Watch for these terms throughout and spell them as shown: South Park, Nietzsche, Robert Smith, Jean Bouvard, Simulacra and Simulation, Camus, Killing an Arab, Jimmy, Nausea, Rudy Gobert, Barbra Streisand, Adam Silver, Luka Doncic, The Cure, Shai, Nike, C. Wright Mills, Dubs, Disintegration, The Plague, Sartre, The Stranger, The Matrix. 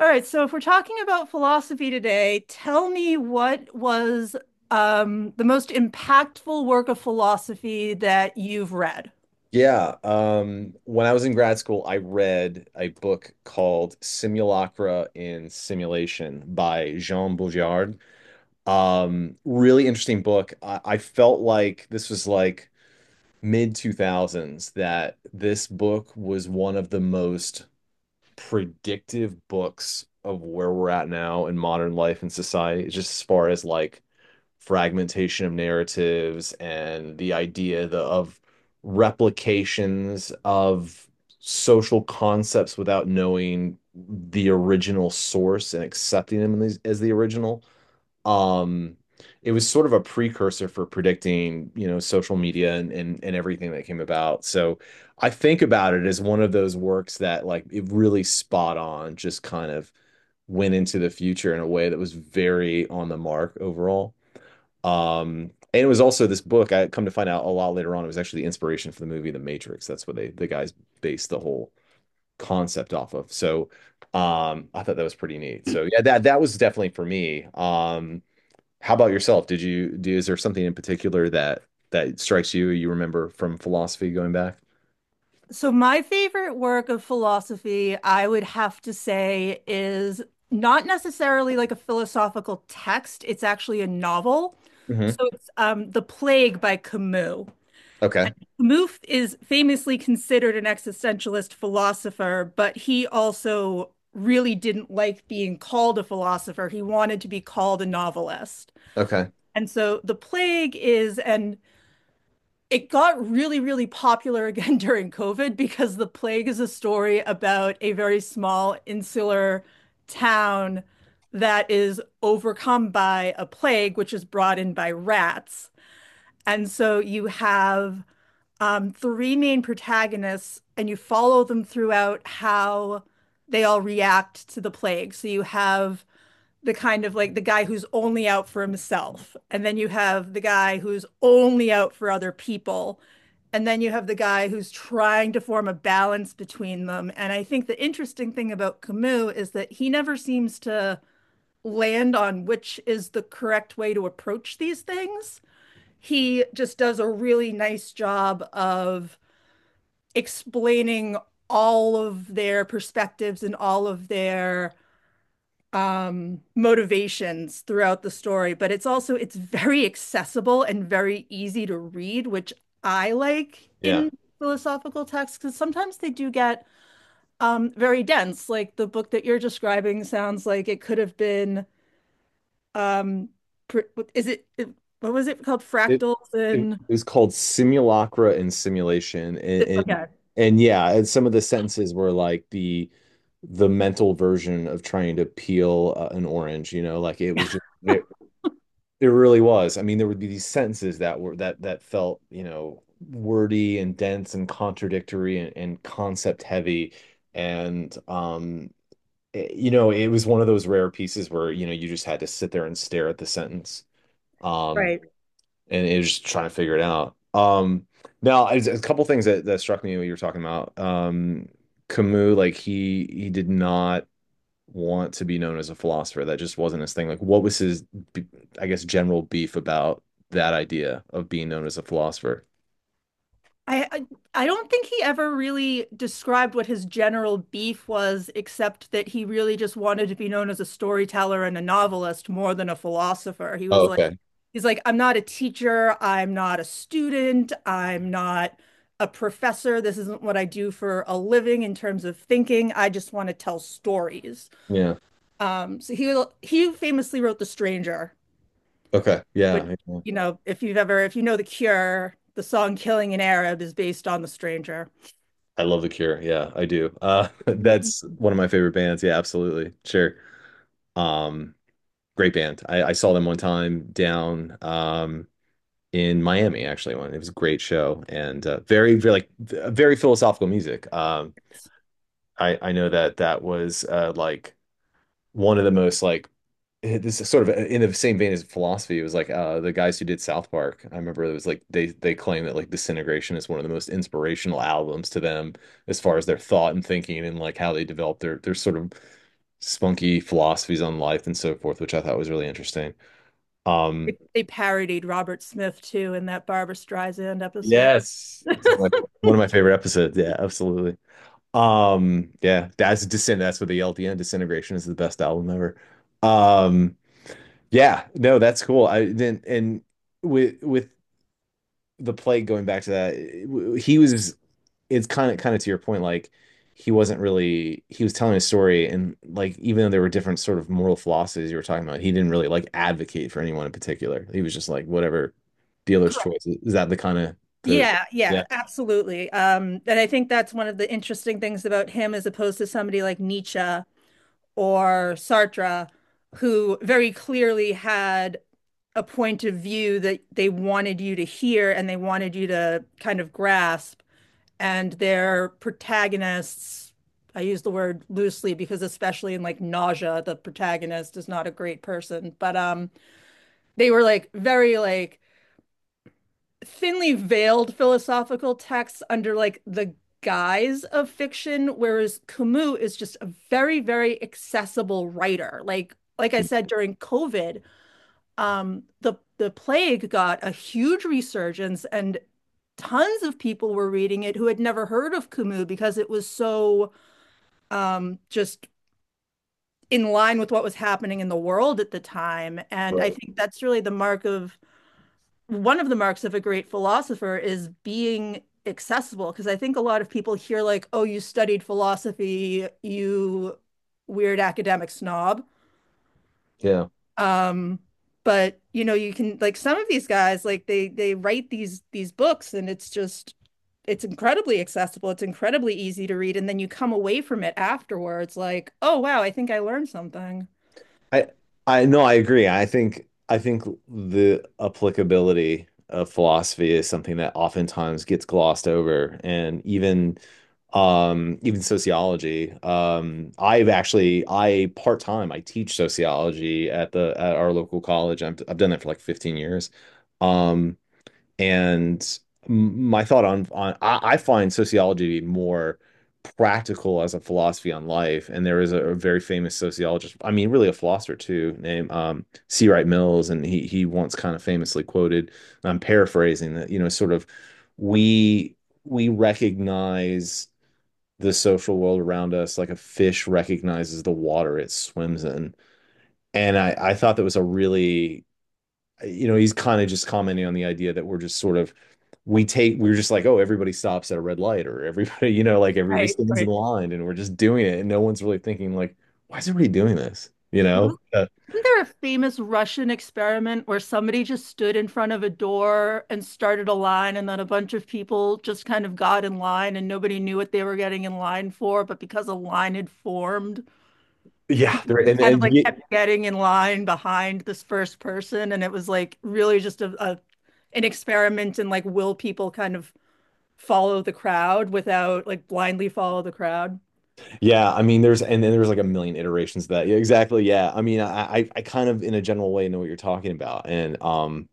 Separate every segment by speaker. Speaker 1: All right, so if we're talking about philosophy today, tell me what was the most impactful work of philosophy that you've read?
Speaker 2: Yeah, when I was in grad school, I read a book called Simulacra in Simulation by Jean Bouvard. Really interesting book. I felt like this was like mid 2000s that this book was one of the most predictive books of where we're at now in modern life and society, just as far as like fragmentation of narratives and the idea of replications of social concepts without knowing the original source and accepting them as the original. Um, it was sort of a precursor for predicting, social media and, and everything that came about. So I think about it as one of those works that like it really spot on, just kind of went into the future in a way that was very on the mark overall. And it was also this book. I come to find out a lot later on. It was actually the inspiration for the movie The Matrix. That's what the guys based the whole concept off of. So I thought that was pretty neat. So yeah, that was definitely for me. How about yourself? Did you do? Is there something in particular that strikes you? You remember from philosophy going back?
Speaker 1: So my favorite work of philosophy, I would have to say, is not necessarily like a philosophical text. It's actually a novel.
Speaker 2: Hmm.
Speaker 1: So it's The Plague by Camus.
Speaker 2: Okay.
Speaker 1: Camus is famously considered an existentialist philosopher, but he also really didn't like being called a philosopher. He wanted to be called a novelist.
Speaker 2: Okay.
Speaker 1: And so The Plague is an it got really, really popular again during COVID because The Plague is a story about a very small insular town that is overcome by a plague, which is brought in by rats. And so you have three main protagonists, and you follow them throughout how they all react to the plague. So you have the kind of like the guy who's only out for himself. And then you have the guy who's only out for other people. And then you have the guy who's trying to form a balance between them. And I think the interesting thing about Camus is that he never seems to land on which is the correct way to approach these things. He just does a really nice job of explaining all of their perspectives and all of their motivations throughout the story, but it's also it's very accessible and very easy to read, which I like
Speaker 2: Yeah.
Speaker 1: in philosophical texts because sometimes they do get very dense, like the book that you're describing sounds like it could have been um is what was it called,
Speaker 2: It
Speaker 1: fractals
Speaker 2: it
Speaker 1: and
Speaker 2: was called Simulacra and Simulation, and, and
Speaker 1: okay?
Speaker 2: and yeah, and some of the sentences were like the mental version of trying to peel an orange. You know, like it was just it really was. I mean, there would be these sentences that were that felt wordy and dense and contradictory and concept heavy, and um. You know, it was one of those rare pieces where, you know, you just had to sit there and stare at the sentence. Um,
Speaker 1: Right.
Speaker 2: and it was just trying to figure it out. A couple things that struck me when you were talking about Camus, like he did not want to be known as a philosopher. That just wasn't his thing. Like, what was b- I guess, general beef about that idea of being known as a philosopher?
Speaker 1: I, I I don't think he ever really described what his general beef was, except that he really just wanted to be known as a storyteller and a novelist more than a philosopher.
Speaker 2: Oh, okay.
Speaker 1: He's like, I'm not a teacher. I'm not a student. I'm not a professor. This isn't what I do for a living in terms of thinking. I just want to tell stories.
Speaker 2: Yeah.
Speaker 1: So he famously wrote The Stranger,
Speaker 2: Okay.
Speaker 1: which,
Speaker 2: Yeah, yeah.
Speaker 1: you know, if you've ever, if you know The Cure, the song Killing an Arab is based on The Stranger.
Speaker 2: I love The Cure. Yeah, I do. That's one of my favorite bands. Yeah, absolutely. Sure. Um, Great band. I saw them one time down in Miami, actually. One, it was a great show and very, very like very philosophical music. I know that that was like one of the most like this is sort of in the same vein as philosophy. It was like the guys who did South Park. I remember it was like they claim that like Disintegration is one of the most inspirational albums to them as far as their thought and thinking and like how they develop their sort of spunky philosophies on life and so forth, which I thought was really interesting. Um,
Speaker 1: They parodied Robert Smith too in that Barbra Streisand episode.
Speaker 2: Yes. It's like one of my favorite episodes. Yeah, absolutely. Yeah, that's Descent. That's what they yell at the end. Disintegration is the best album ever. Um, yeah, no, that's cool. I then and with the plague going back to that, it- w- he was it's kind of to your point, like he wasn't really he was telling a story, and like even though there were different sort of moral philosophies you were talking about, he didn't really like advocate for anyone in particular. He was just like whatever dealer's choice. Is that the kind of the
Speaker 1: Yeah,
Speaker 2: yeah.
Speaker 1: yeah, absolutely. And I think that's one of the interesting things about him as opposed to somebody like Nietzsche or Sartre, who very clearly had a point of view that they wanted you to hear and they wanted you to kind of grasp. And their protagonists, I use the word loosely because especially in like Nausea, the protagonist is not a great person, but they were like very like thinly veiled philosophical texts under like the guise of fiction, whereas Camus is just a very, very accessible writer. Like I said, during COVID, the plague got a huge resurgence, and tons of people were reading it who had never heard of Camus because it was so just in line with what was happening in the world at the time. And I think that's really the mark of one of the marks of a great philosopher is being accessible, because I think a lot of people hear like, oh, you studied philosophy, you weird academic snob.
Speaker 2: Yeah.
Speaker 1: Um, but you know, you can like some of these guys, like they write these books and it's just it's incredibly accessible, it's incredibly easy to read, and then you come away from it afterwards like, oh wow, I think I learned something.
Speaker 2: I I no, I agree. I think the applicability of philosophy is something that oftentimes gets glossed over, and even even sociology. I've actually I Part time I teach sociology at the at our local college. I've done that for like 15 years. Um, And my thought on I find sociology to be more practical as a philosophy on life. And there is a very famous sociologist, I mean, really a philosopher too, named C. Wright Mills, and he once kind of famously quoted, and I'm paraphrasing that, you know, sort of we we recognize the social world around us like a fish recognizes the water it swims in. And I thought that was a really you know, he's kind of just commenting on the idea that we're just sort of we're just like, oh, everybody stops at a red light or everybody, you know, like everybody
Speaker 1: Right,
Speaker 2: stands in
Speaker 1: right.
Speaker 2: line and we're just doing it and no one's really thinking like, why is everybody doing this? You know?
Speaker 1: Well, isn't there a famous Russian experiment where somebody just stood in front of a door and started a line, and then a bunch of people just kind of got in line and nobody knew what they were getting in line for? But because a line had formed,
Speaker 2: Yeah,
Speaker 1: people
Speaker 2: there
Speaker 1: just
Speaker 2: and
Speaker 1: kind of
Speaker 2: and
Speaker 1: like
Speaker 2: ye-
Speaker 1: kept getting in line behind this first person. And it was like really just a an experiment in like, will people kind of follow the crowd without, like, blindly follow the crowd?
Speaker 2: yeah, I mean, there's and then there's like a million iterations of that. Yeah, exactly. Yeah, I mean, I kind of in a general way know what you're talking about, and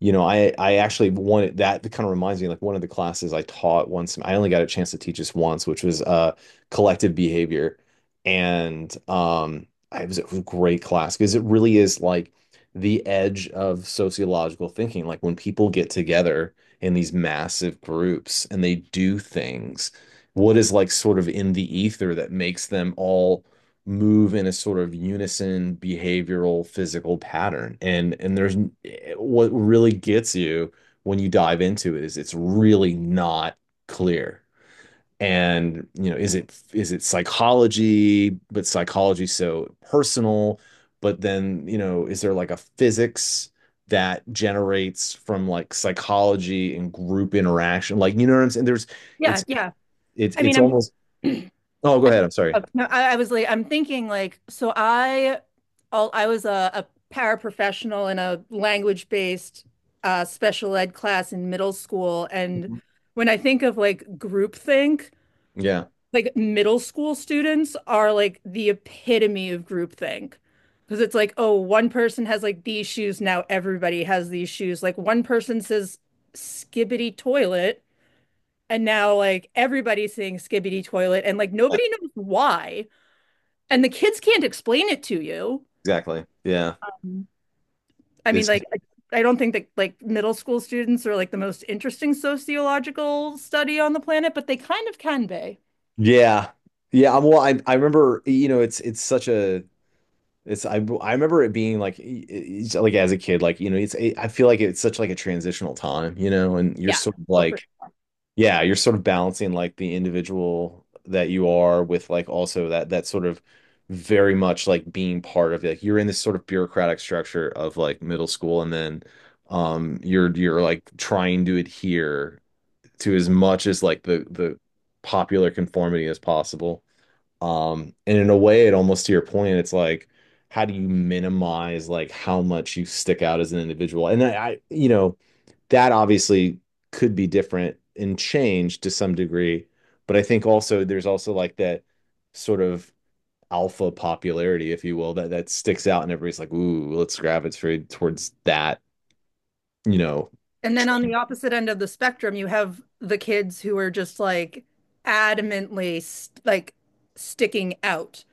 Speaker 2: you know, I actually wanted that. That kind of reminds me like one of the classes I taught once. I only got a chance to teach this once, which was collective behavior. And it was a great class because it really is like the edge of sociological thinking. Like when people get together in these massive groups and they do things, what is like sort of in the ether that makes them all move in a sort of unison behavioral physical pattern, and there's what really gets you when you dive into it is it's really not clear, and you know is it psychology, but psychology so personal, but then you know is there like a physics that generates from like psychology and group interaction, like you know what I'm saying? there's
Speaker 1: Yeah,
Speaker 2: it's
Speaker 1: yeah.
Speaker 2: it's
Speaker 1: I mean,
Speaker 2: it's almost
Speaker 1: I'm
Speaker 2: oh go ahead I'm sorry.
Speaker 1: No, I was like, I'm thinking like, I was a paraprofessional in a language-based special ed class in middle school, and
Speaker 2: Mhm.
Speaker 1: when I think of like groupthink,
Speaker 2: Yeah.
Speaker 1: like middle school students are like the epitome of groupthink. Because it's like, oh, one person has like these shoes, now everybody has these shoes. Like one person says skibbity toilet, and now like everybody's saying skibbity toilet, and like
Speaker 2: Yeah,
Speaker 1: nobody knows why and the kids can't explain it to you.
Speaker 2: exactly, yeah.
Speaker 1: Mhm. I mean,
Speaker 2: It's
Speaker 1: like, I I don't think that like middle school students are like the most interesting sociological study on the planet, but they kind of can be.
Speaker 2: yeah. Yeah, I'm well I remember you know it's such a it's I remember it being like like as a kid, like you know it's it, I feel like it's such like a transitional time, you know, and you're
Speaker 1: Yeah.
Speaker 2: sort of
Speaker 1: Oh, for-
Speaker 2: like yeah, you're sort of balancing like the individual that you are with like also that that sort of very much like being part of like you're in this sort of bureaucratic structure of like middle school, and then you're like trying to adhere to as much as like the popular conformity as possible. And in a way, it almost to your point, it's like, how do you minimize like how much you stick out as an individual? And I you know, that obviously could be different and changed to some degree. But I think also there's also like that sort of alpha popularity, if you will, that that sticks out, and everybody's like, ooh, let's gravitate towards that, you know,
Speaker 1: And then on
Speaker 2: trait.
Speaker 1: the opposite end of the spectrum, you have the kids who are just like adamantly st- like sticking out.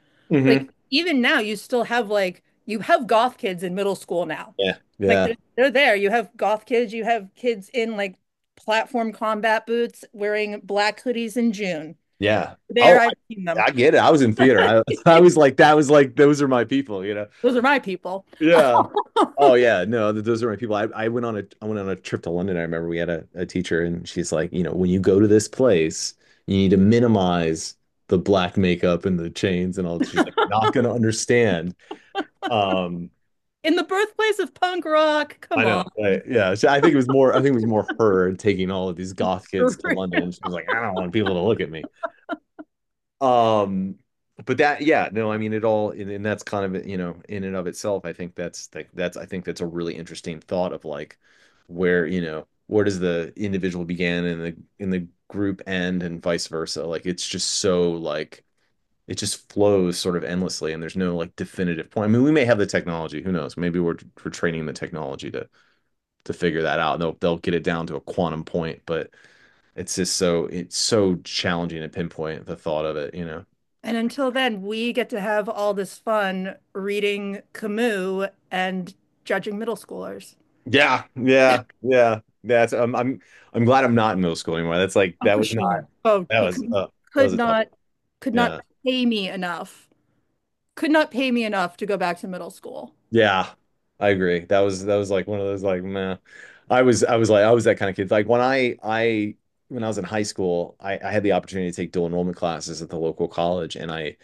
Speaker 1: Like
Speaker 2: Hmm.
Speaker 1: even now, you still have like you have goth kids in middle school now.
Speaker 2: Yeah.
Speaker 1: Like
Speaker 2: Yeah.
Speaker 1: they're there. You have goth kids. You have kids in like platform combat boots wearing black hoodies in June.
Speaker 2: Yeah. Oh,
Speaker 1: There, I've seen them.
Speaker 2: I get it. I was in theater. I, I was like, that was like, those are my people, you know?
Speaker 1: Those are my people.
Speaker 2: Yeah. Oh yeah, no, those are my people. I went on a I went on a trip to London. I remember we had a teacher, and she's like, you know, when you go to this place, you need to minimize the black makeup and the chains and all that. She's like, not gonna understand. Um,
Speaker 1: In the birthplace of punk rock.
Speaker 2: I
Speaker 1: Come on.
Speaker 2: know. Right. Yeah. So I think it was more. I think it was more her taking all of these goth kids to London. She was like, I don't want people to look at me. Um, but that, yeah, no, I mean it all, and that's kind of you know, in and of itself, I think that's like that's I think that's a really interesting thought of like where you know where does the individual begin and the in the group end and vice versa. Like it's just so like it just flows sort of endlessly, and there's no like definitive point. I mean, we may have the technology, who knows? Maybe we're training the technology to figure that out. They'll get it down to a quantum point, but it's just so it's so challenging to pinpoint the thought of it, you know.
Speaker 1: And until then, we get to have all this fun reading Camus and judging middle schoolers.
Speaker 2: Yeah, yeah, yeah. That's I'm glad I'm not in middle school anymore. That's like that was not
Speaker 1: Oh,
Speaker 2: that
Speaker 1: you
Speaker 2: was uh, that was
Speaker 1: could
Speaker 2: a tough.
Speaker 1: not could
Speaker 2: Yeah.
Speaker 1: not pay me enough could not pay me enough to go back to middle school.
Speaker 2: Yeah. I agree. That was like one of those like meh. I was like I was that kind of kid. When I was in high school, I had the opportunity to take dual enrollment classes at the local college, and I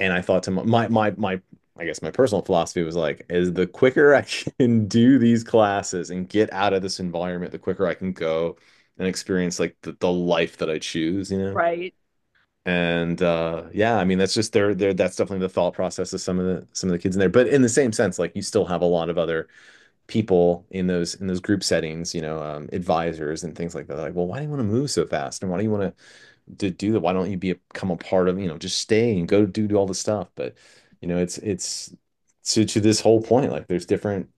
Speaker 2: and I thought to my my my I guess my personal philosophy was like, is the quicker I can do these classes and get out of this environment, the quicker I can go and experience like the life that I choose, you know?
Speaker 1: Right.
Speaker 2: And yeah, I mean that's just their that's definitely the thought process of some of the kids in there. But in the same sense, like you still have a lot of other people in those group settings, you know, advisors and things like that. Like, well, why do you want to move so fast? And why do you want to do that. Why don't you be a, become a part of, you know, just stay and go do, do all the stuff. But, you know, it's to this whole point, like there's different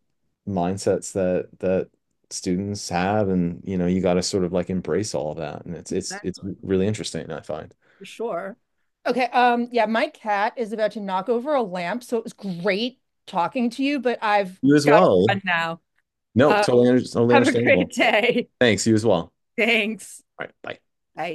Speaker 2: mindsets that students have. And, you know, you got to sort of like embrace all of that. And it's
Speaker 1: Exactly.
Speaker 2: really interesting, I find.
Speaker 1: For sure. Okay. Yeah, my cat is about to knock over a lamp, so it was great talking to you, but I've
Speaker 2: You as
Speaker 1: got to
Speaker 2: well.
Speaker 1: run now.
Speaker 2: No,
Speaker 1: Uh,
Speaker 2: totally, totally
Speaker 1: have a great
Speaker 2: understandable.
Speaker 1: day.
Speaker 2: Thanks. You as well.
Speaker 1: Thanks.
Speaker 2: All right. Bye.
Speaker 1: Bye.